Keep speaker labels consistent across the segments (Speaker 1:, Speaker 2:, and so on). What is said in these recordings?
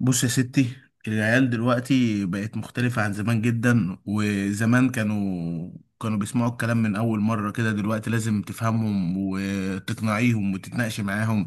Speaker 1: بص يا ستي، العيال دلوقتي بقت مختلفة عن زمان جدا. وزمان كانوا بيسمعوا الكلام من أول مرة كده. دلوقتي لازم تفهمهم وتقنعيهم وتتناقشي معاهم.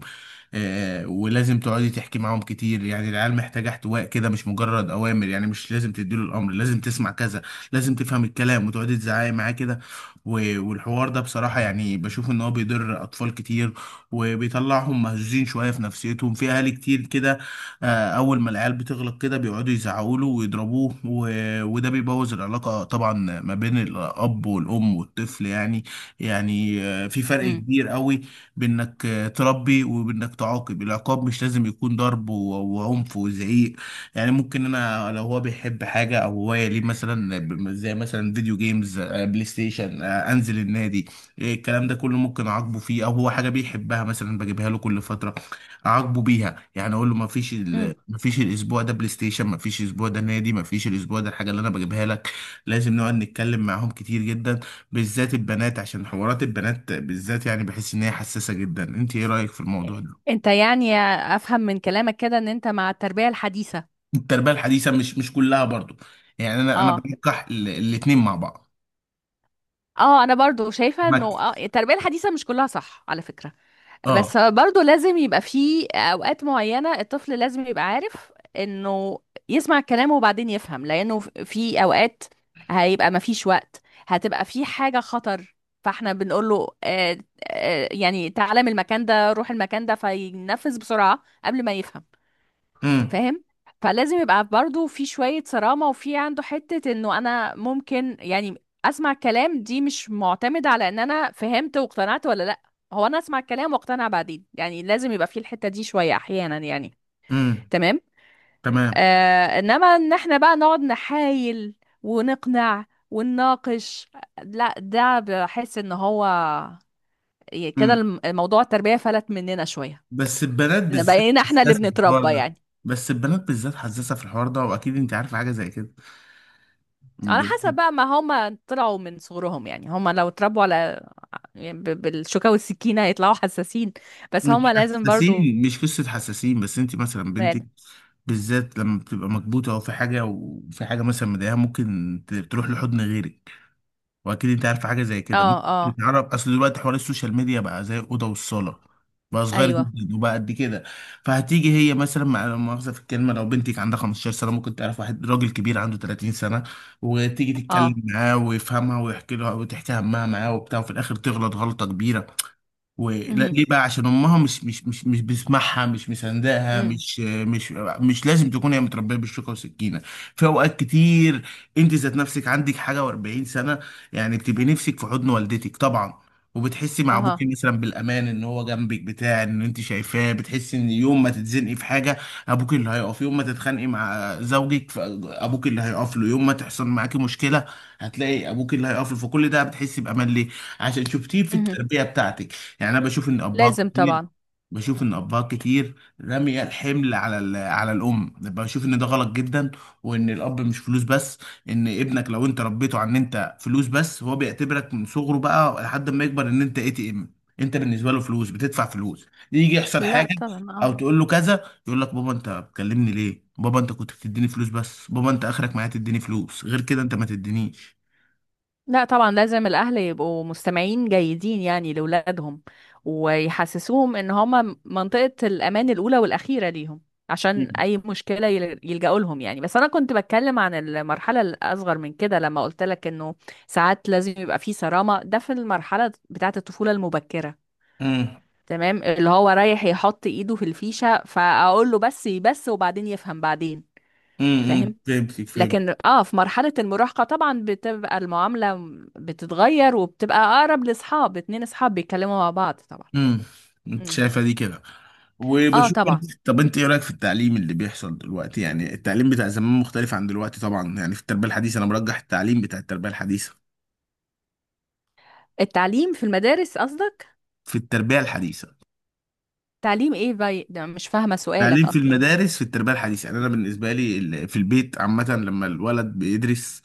Speaker 1: ولازم تقعدي تحكي معاهم كتير، يعني العيال محتاجة احتواء كده، مش مجرد أوامر. يعني مش لازم تديله الأمر لازم تسمع كذا، لازم تفهم الكلام وتقعدي تزعقي معاه كده. و- والحوار ده بصراحة يعني بشوف إن هو بيضر أطفال كتير، وبيطلعهم مهزوزين شوية في نفسيتهم. في أهالي كتير كده، اول ما العيال بتغلط كده بيقعدوا يزعقوا له ويضربوه، و- وده بيبوظ العلاقه طبعا ما بين الاب والام والطفل. يعني يعني في فرق
Speaker 2: امم
Speaker 1: كبير قوي بانك تربي وبانك تعاقب. العقاب مش لازم يكون ضرب و- وعنف وزعيق. يعني ممكن انا لو هو بيحب حاجه او هوايه ليه، مثلا زي مثلا فيديو جيمز، بلاي ستيشن، انزل النادي، إيه، الكلام ده كله ممكن اعاقبه فيه. او هو حاجه بيحبها مثلا بجيبها له كل فتره، اعاقبه بيها. يعني اقول له
Speaker 2: امم
Speaker 1: ما فيش الاسبوع ده بلاي ستيشن، ما فيش الاسبوع ده نادي، ما فيش الاسبوع ده الحاجه اللي انا بجيبها لك. لازم نقعد نتكلم معاهم كتير جدا، بالذات البنات، عشان حوارات البنات بالذات يعني بحس ان هي حساسه جدا. انت ايه رايك في الموضوع ده؟
Speaker 2: انت يعني افهم من كلامك كده ان انت مع التربية الحديثة.
Speaker 1: التربيه الحديثه مش كلها برضو. يعني انا
Speaker 2: اه،
Speaker 1: بنكح الاتنين مع بعض.
Speaker 2: اه، انا برضو شايفة انه
Speaker 1: مك،
Speaker 2: التربية الحديثة مش كلها صح على فكرة. بس
Speaker 1: اه.
Speaker 2: برضو لازم يبقى في اوقات معينة، الطفل لازم يبقى عارف انه يسمع كلامه وبعدين يفهم، لانه في اوقات هيبقى مفيش وقت، هتبقى في حاجة خطر. فاحنا بنقول له يعني تعالى من المكان ده، روح المكان ده، فينفذ بسرعة قبل ما يفهم.
Speaker 1: امم.
Speaker 2: فاهم؟ فلازم يبقى برضو في شوية صرامة، وفي عنده حتة انه انا ممكن يعني اسمع الكلام، دي مش معتمدة على ان انا فهمت واقتنعت ولا لا. هو انا اسمع الكلام واقتنع بعدين، يعني لازم يبقى في الحتة دي شوية احيانا يعني.
Speaker 1: امم.
Speaker 2: تمام.
Speaker 1: تمام.
Speaker 2: انما ان احنا بقى نقعد نحايل ونقنع ونناقش، لا ده بحس ان هو كده
Speaker 1: امم.
Speaker 2: الموضوع التربية فلت مننا شوية.
Speaker 1: بس البنات بالذات
Speaker 2: بقينا احنا اللي
Speaker 1: حساسه في الحوار
Speaker 2: بنتربى
Speaker 1: ده.
Speaker 2: يعني.
Speaker 1: بس البنات بالذات حساسه في الحوار ده، واكيد انت عارفه حاجه زي
Speaker 2: على حسب
Speaker 1: كده.
Speaker 2: بقى ما هما طلعوا من صغرهم، يعني هما لو اتربوا على يعني بالشوكة والسكينة يطلعوا حساسين. بس
Speaker 1: مش
Speaker 2: هما لازم برضو.
Speaker 1: حساسين، مش قصة حساسين بس، انت مثلا
Speaker 2: مال.
Speaker 1: بنتك بالذات لما بتبقى مكبوتة، او في حاجة وفي حاجة مثلا مضايقاها ممكن تروح لحضن غيرك، واكيد انت عارفة حاجة زي كده.
Speaker 2: اه،
Speaker 1: ممكن
Speaker 2: اه،
Speaker 1: تتعرف، اصل دلوقتي حوار السوشيال ميديا بقى زي الأوضة والصالة، بقى صغير
Speaker 2: ايوه،
Speaker 1: جدا وبقى قد كده. فهتيجي هي مثلا، مع لا مؤاخذة في الكلمة، لو بنتك عندها 15 سنة ممكن تعرف واحد راجل كبير عنده 30 سنة، وتيجي
Speaker 2: اه،
Speaker 1: تتكلم معاه ويفهمها ويحكي لها وتحكي همها معاه وبتاع، وفي الآخر تغلط غلطة كبيرة. ولا
Speaker 2: امم،
Speaker 1: ليه بقى؟ عشان امها مش بتسمعها، مش مساندها،
Speaker 2: امم،
Speaker 1: مش. مش لازم تكون هي متربيه بالشوكه والسكينه. في اوقات كتير انت ذات نفسك عندك حاجه و40 سنه، يعني بتبقي نفسك في حضن والدتك طبعا. وبتحسي مع ابوكي
Speaker 2: اها،
Speaker 1: مثلا بالامان، ان هو جنبك بتاع ان انت شايفاه، بتحسي ان يوم ما تتزنقي في حاجه ابوك اللي هيقف، يوم ما تتخانقي مع زوجك فابوك اللي هيقف له، يوم ما تحصل معاكي مشكله هتلاقي ابوك اللي هيقف له. فكل ده بتحسي بامان ليه؟ عشان شفتيه في
Speaker 2: امم،
Speaker 1: التربيه بتاعتك. يعني انا بشوف ان ابهات
Speaker 2: لازم
Speaker 1: كتير،
Speaker 2: طبعا.
Speaker 1: بشوف ان ابهات كتير رامية الحمل على على الام. بشوف ان ده غلط جدا، وان الاب مش فلوس بس. ان ابنك لو انت ربيته عن ان انت فلوس بس، هو بيعتبرك من صغره بقى لحد ما يكبر ان انت ATM. انت بالنسبه له فلوس، بتدفع فلوس، يجي يحصل
Speaker 2: لا
Speaker 1: حاجه او
Speaker 2: طبعا.
Speaker 1: تقول له كذا يقول لك، بابا انت بتكلمني ليه؟ بابا انت كنت بتديني فلوس بس، بابا انت اخرك معايا تديني فلوس، غير كده انت ما تدينيش.
Speaker 2: لا طبعا، لازم الأهل يبقوا مستمعين جيدين يعني لأولادهم، ويحسسوهم إن هما منطقة الأمان الأولى والأخيرة ليهم، عشان
Speaker 1: مم.
Speaker 2: أي مشكلة يلجأوا لهم يعني. بس أنا كنت بتكلم عن المرحلة الأصغر من كده لما قلت لك إنه ساعات لازم يبقى في صرامة، ده في المرحلة بتاعة الطفولة المبكرة.
Speaker 1: امم.
Speaker 2: تمام. اللي هو رايح يحط إيده في الفيشة فأقول له بس بس، وبعدين يفهم بعدين.
Speaker 1: امم.
Speaker 2: فاهم؟
Speaker 1: فهمتك، فهمت.
Speaker 2: لكن في مرحلة المراهقة طبعا بتبقى المعاملة بتتغير وبتبقى أقرب لأصحاب، اتنين أصحاب بيتكلموا مع بعض طبعا.
Speaker 1: امم. انت
Speaker 2: مم.
Speaker 1: شايفه دي كده،
Speaker 2: اه
Speaker 1: وبشوف
Speaker 2: طبعا.
Speaker 1: برضه. طب انت ايه رايك في التعليم اللي بيحصل دلوقتي؟ يعني التعليم بتاع زمان مختلف عن دلوقتي طبعا. يعني في التربيه الحديثه انا مرجح التعليم بتاع التربيه الحديثه.
Speaker 2: التعليم في المدارس قصدك؟
Speaker 1: في التربيه الحديثه،
Speaker 2: تعليم ايه باي؟ ده مش فاهمة
Speaker 1: تعليم
Speaker 2: سؤالك
Speaker 1: في
Speaker 2: أصلا.
Speaker 1: المدارس في التربية الحديثة، يعني أنا بالنسبة لي في البيت عامة، لما الولد بيدرس،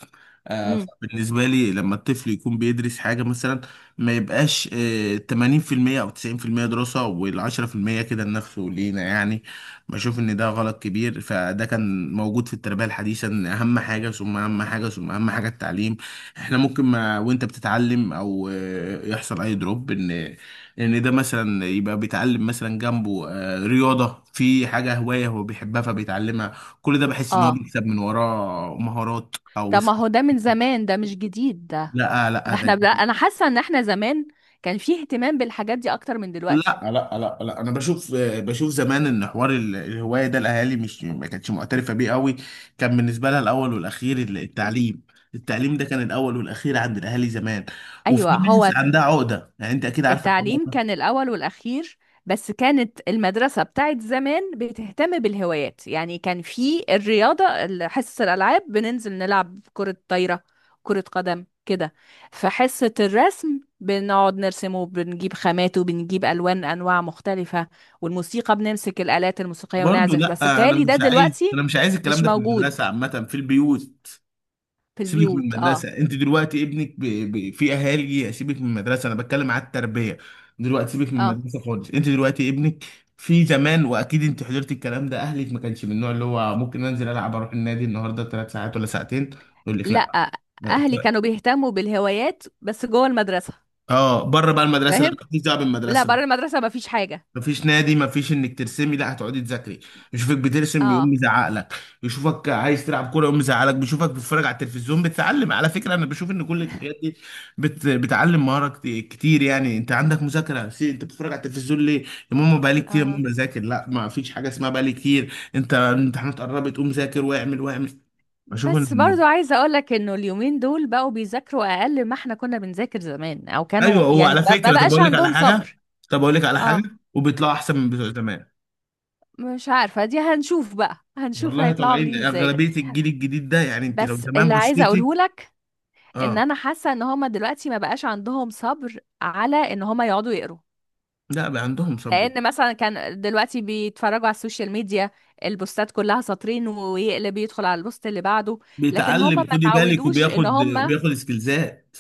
Speaker 2: مم.
Speaker 1: بالنسبة لي لما الطفل يكون بيدرس حاجة مثلا، ما يبقاش 80% أو 90% دراسة وال10% كده لنفسه ولينا. يعني بشوف إن ده غلط كبير. فده كان موجود في التربية الحديثة، إن أهم حاجة ثم أهم حاجة ثم أهم حاجة التعليم. إحنا ممكن ما وأنت بتتعلم أو يحصل أي دروب إن ان ده مثلا يبقى بيتعلم مثلا جنبه رياضة، في حاجة هواية هو بيحبها فبيتعلمها. كل ده بحس ان هو
Speaker 2: اه.
Speaker 1: بيكسب من وراه مهارات او
Speaker 2: طب ما هو
Speaker 1: سكيل.
Speaker 2: ده من زمان، ده مش جديد ده.
Speaker 1: لا، لا،
Speaker 2: ده احنا،
Speaker 1: ده
Speaker 2: لا أنا حاسة إن احنا زمان كان فيه اهتمام بالحاجات دي أكتر من دلوقتي.
Speaker 1: لا انا بشوف، بشوف زمان ان حوار الهواية ده الاهالي مش، ما كانتش معترفة بيه قوي. كان بالنسبة لها الاول والاخير التعليم. التعليم ده كان الاول والاخير عند الاهالي زمان،
Speaker 2: أيوة.
Speaker 1: وفي ناس
Speaker 2: هو
Speaker 1: عندها عقدة، يعني انت اكيد عارفة الحوار
Speaker 2: التعليم
Speaker 1: ده.
Speaker 2: كان الأول والأخير، بس كانت المدرسة بتاعت زمان بتهتم بالهوايات، يعني كان في الرياضة، حصة الألعاب بننزل نلعب كرة طايرة، كرة قدم كده. في حصة الرسم بنقعد نرسم وبنجيب خامات وبنجيب ألوان أنواع مختلفة، والموسيقى بنمسك الآلات الموسيقية
Speaker 1: برضه
Speaker 2: ونعزف. بس
Speaker 1: لا، انا
Speaker 2: بتهيألي ده
Speaker 1: مش عايز،
Speaker 2: دلوقتي
Speaker 1: انا مش عايز الكلام
Speaker 2: مش
Speaker 1: ده في
Speaker 2: موجود
Speaker 1: المدرسة عامة، في البيوت.
Speaker 2: في
Speaker 1: سيبك من
Speaker 2: البيوت. اه.
Speaker 1: المدرسه، انت دلوقتي ابنك في اهالي، سيبك من المدرسه انا بتكلم على التربيه. دلوقتي سيبك من
Speaker 2: اه.
Speaker 1: المدرسه خالص، انت دلوقتي ابنك في زمان، واكيد انت حضرت الكلام ده، اهلك ما كانش من النوع اللي هو ممكن انزل العب، اروح النادي النهارده 3 ساعات ولا ساعتين، يقول لك لا.
Speaker 2: لأ، أهلي كانوا بيهتموا بالهوايات بس جوه المدرسة.
Speaker 1: اه، بره بقى المدرسه، لما
Speaker 2: فاهم؟
Speaker 1: مفيش دعوه
Speaker 2: لا،
Speaker 1: بالمدرسه،
Speaker 2: بره المدرسة مفيش حاجة.
Speaker 1: مفيش نادي، مفيش انك ترسمي، لا هتقعدي تذاكري. يشوفك بترسم يقوم
Speaker 2: اه.
Speaker 1: يزعق لك، يشوفك عايز تلعب كوره يقوم يزعق لك، بيشوفك بتتفرج على التلفزيون. بتتعلم على فكره، انا بشوف ان كل الحاجات دي بتعلم مهاره كتير. يعني انت عندك مذاكره انت بتتفرج على التلفزيون ليه؟ يا ماما بقالي كتير، يا
Speaker 2: اه.
Speaker 1: ماما بذاكر، لا ما فيش حاجه اسمها بقالي كتير، انت الامتحانات قربت، قوم ذاكر واعمل واعمل. اشوف
Speaker 2: بس
Speaker 1: ان،
Speaker 2: برضو عايزة اقولك انه اليومين دول بقوا بيذاكروا اقل ما احنا كنا بنذاكر زمان، او
Speaker 1: ايوه
Speaker 2: كانوا
Speaker 1: هو
Speaker 2: يعني
Speaker 1: على
Speaker 2: ما
Speaker 1: فكره. طب
Speaker 2: بقاش
Speaker 1: اقول لك على
Speaker 2: عندهم
Speaker 1: حاجه،
Speaker 2: صبر.
Speaker 1: طب اقول لك على حاجه،
Speaker 2: اه.
Speaker 1: وبيطلعوا احسن من بتوع زمان.
Speaker 2: مش عارفة، دي هنشوف بقى. هنشوف
Speaker 1: والله
Speaker 2: هيطلعوا
Speaker 1: طالعين
Speaker 2: عاملين ازاي.
Speaker 1: اغلبيه الجيل الجديد ده، يعني انت لو
Speaker 2: بس
Speaker 1: زمان
Speaker 2: اللي عايزة
Speaker 1: بصيتي.
Speaker 2: اقوله لك ان
Speaker 1: اه،
Speaker 2: انا حاسة ان هما دلوقتي ما بقاش عندهم صبر على ان هما يقعدوا يقروا،
Speaker 1: لا بقى عندهم صبر،
Speaker 2: لان مثلا كان دلوقتي بيتفرجوا على السوشيال ميديا، البوستات كلها سطرين ويقلب يدخل على البوست اللي بعده. لكن
Speaker 1: بيتعلم
Speaker 2: هما ما
Speaker 1: خدي بالك،
Speaker 2: تعودوش ان
Speaker 1: وبياخد
Speaker 2: هما،
Speaker 1: بياخد سكيلزات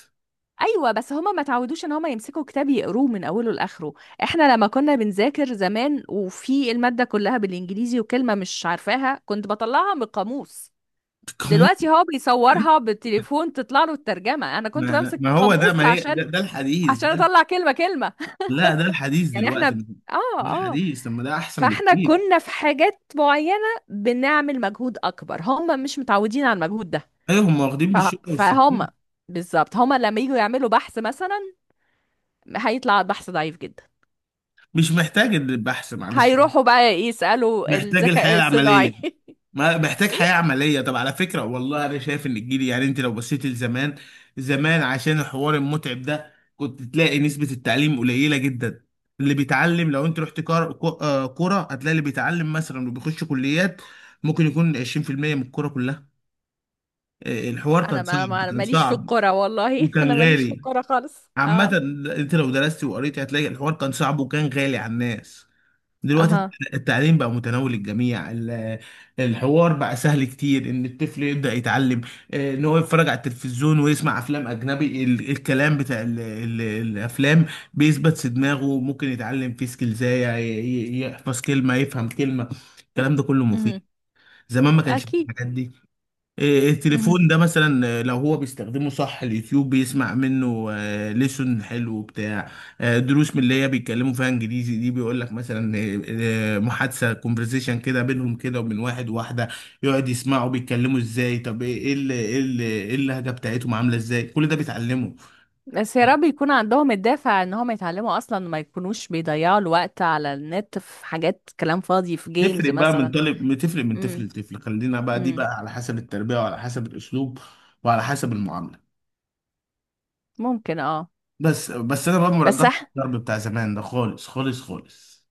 Speaker 2: ايوه بس هما ما تعودوش ان هما يمسكوا كتاب يقروه من اوله لاخره. احنا لما كنا بنذاكر زمان، وفي المادة كلها بالانجليزي وكلمة مش عارفاها كنت بطلعها من القاموس.
Speaker 1: كموسيقى.
Speaker 2: دلوقتي هو بيصورها بالتليفون تطلع له الترجمة، انا كنت
Speaker 1: ما
Speaker 2: بمسك
Speaker 1: ما هو ده،
Speaker 2: قاموس
Speaker 1: ما هي ده,
Speaker 2: عشان
Speaker 1: ده الحديث
Speaker 2: عشان
Speaker 1: ده.
Speaker 2: اطلع كلمة كلمة.
Speaker 1: لا ده الحديث
Speaker 2: يعني
Speaker 1: دلوقتي،
Speaker 2: احنا اه
Speaker 1: ده
Speaker 2: آه.
Speaker 1: الحديث، طب ما ده احسن
Speaker 2: فاحنا
Speaker 1: بكتير.
Speaker 2: كنا في حاجات معينة بنعمل مجهود أكبر، هم مش متعودين على المجهود ده.
Speaker 1: ايوه هم واخدين
Speaker 2: ف-
Speaker 1: بالشوكه
Speaker 2: فهم.
Speaker 1: والسكين.
Speaker 2: بالظبط هم لما يجوا يعملوا بحث مثلا هيطلع البحث ضعيف جدا.
Speaker 1: مش محتاج البحث، معلش
Speaker 2: هيروحوا بقى يسألوا
Speaker 1: محتاج الحياه
Speaker 2: الذكاء الصناعي.
Speaker 1: العمليه، ما محتاج حياة
Speaker 2: ايه؟
Speaker 1: عملية. طب على فكرة والله أنا شايف إن الجيل، يعني أنت لو بصيت لزمان، زمان عشان الحوار المتعب ده كنت تلاقي نسبة التعليم قليلة جدا. اللي بيتعلم، لو أنت رحت كرة هتلاقي اللي بيتعلم مثلا، اللي بيخش كليات، ممكن يكون 20% من الكرة كلها. الحوار
Speaker 2: انا
Speaker 1: كان صعب،
Speaker 2: أنا
Speaker 1: كان
Speaker 2: ماليش في
Speaker 1: صعب
Speaker 2: الكرة والله.
Speaker 1: وكان
Speaker 2: انا ماليش في
Speaker 1: غالي
Speaker 2: الكرة خالص.
Speaker 1: عامة.
Speaker 2: اه.
Speaker 1: أنت لو درست وقريت هتلاقي الحوار كان صعب وكان غالي على الناس. دلوقتي
Speaker 2: اها.
Speaker 1: التعليم بقى متناول الجميع، الحوار بقى سهل كتير، ان الطفل يبدأ يتعلم. ان هو يتفرج على التلفزيون ويسمع افلام اجنبي، الكلام بتاع ال ال الافلام بيثبت في دماغه. ممكن يتعلم فيه سكيلزاية يحفظ كلمة، يفهم كلمة، الكلام ده كله
Speaker 2: مهم.
Speaker 1: مفيد. زمان ما كانش فيه
Speaker 2: اكيد.
Speaker 1: الحاجات دي. إيه،
Speaker 2: مهم.
Speaker 1: التليفون ده مثلا، لو هو بيستخدمه صح، اليوتيوب بيسمع منه ليسون حلو بتاع، دروس من اللي هي بيتكلموا فيها انجليزي دي، بيقول لك مثلا محادثه، كونفرزيشن كده بينهم كده، وبين واحد واحده، يقعد يسمعوا بيتكلموا ازاي. طب ايه، إيه اللهجه بتاعتهم عامله ازاي، كل ده بيتعلمه.
Speaker 2: بس يا رب يكون عندهم الدافع ان هم يتعلموا اصلا وما يكونوش بيضيعوا الوقت على النت في حاجات كلام فاضي، في جيمز
Speaker 1: تفرق بقى من
Speaker 2: مثلا.
Speaker 1: طالب، بتفرق من طفل
Speaker 2: امم.
Speaker 1: لطفل. خلينا بقى دي بقى
Speaker 2: امم.
Speaker 1: على حسب التربيه وعلى حسب الاسلوب وعلى حسب المعامله.
Speaker 2: ممكن. اه.
Speaker 1: بس انا بقى
Speaker 2: بس
Speaker 1: مرجح الضرب بتاع زمان ده، خالص خالص خالص.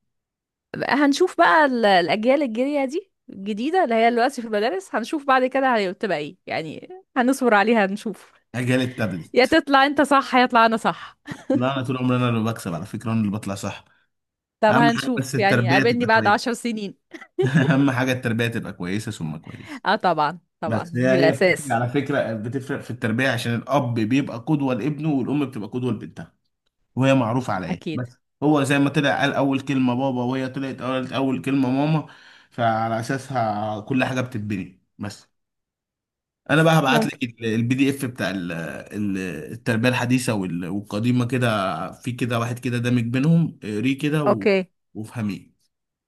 Speaker 2: هنشوف بقى الاجيال الجايه دي الجديده اللي هي دلوقتي في المدارس، هنشوف بعد كده هتبقى ايه يعني. هنصبر عليها نشوف.
Speaker 1: اجالي
Speaker 2: يا
Speaker 1: التابلت.
Speaker 2: تطلع انت صح يا اطلع انا صح.
Speaker 1: لا، انا طول عمري انا اللي بكسب على فكره، انا اللي بطلع صح.
Speaker 2: طب
Speaker 1: اهم حاجه بس
Speaker 2: هنشوف يعني،
Speaker 1: التربيه
Speaker 2: قابلني
Speaker 1: تبقى
Speaker 2: بعد
Speaker 1: كويسه.
Speaker 2: 10 سنين.
Speaker 1: اهم حاجه التربيه تبقى كويسه ثم كويسه.
Speaker 2: اه طبعا، طبعا
Speaker 1: بس هي
Speaker 2: دي
Speaker 1: هي بتفرق
Speaker 2: الاساس.
Speaker 1: على فكره، بتفرق في التربيه، عشان الاب بيبقى قدوه لابنه والام بتبقى قدوه لبنتها، وهي معروفه على ايه
Speaker 2: اكيد.
Speaker 1: بس. هو زي ما طلع قال اول كلمه بابا، وهي طلعت قالت اول كلمه ماما، فعلى اساسها كل حاجه بتتبني بس. انا بقى هبعت
Speaker 2: ممكن.
Speaker 1: لك الPDF بتاع التربيه الحديثه وال- والقديمه كده، في كده واحد كده دامج بينهم، اقريه كده
Speaker 2: اوكي
Speaker 1: وافهميه.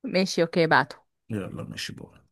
Speaker 2: ماشي. اوكي بعته.
Speaker 1: يلا ماشي بقى.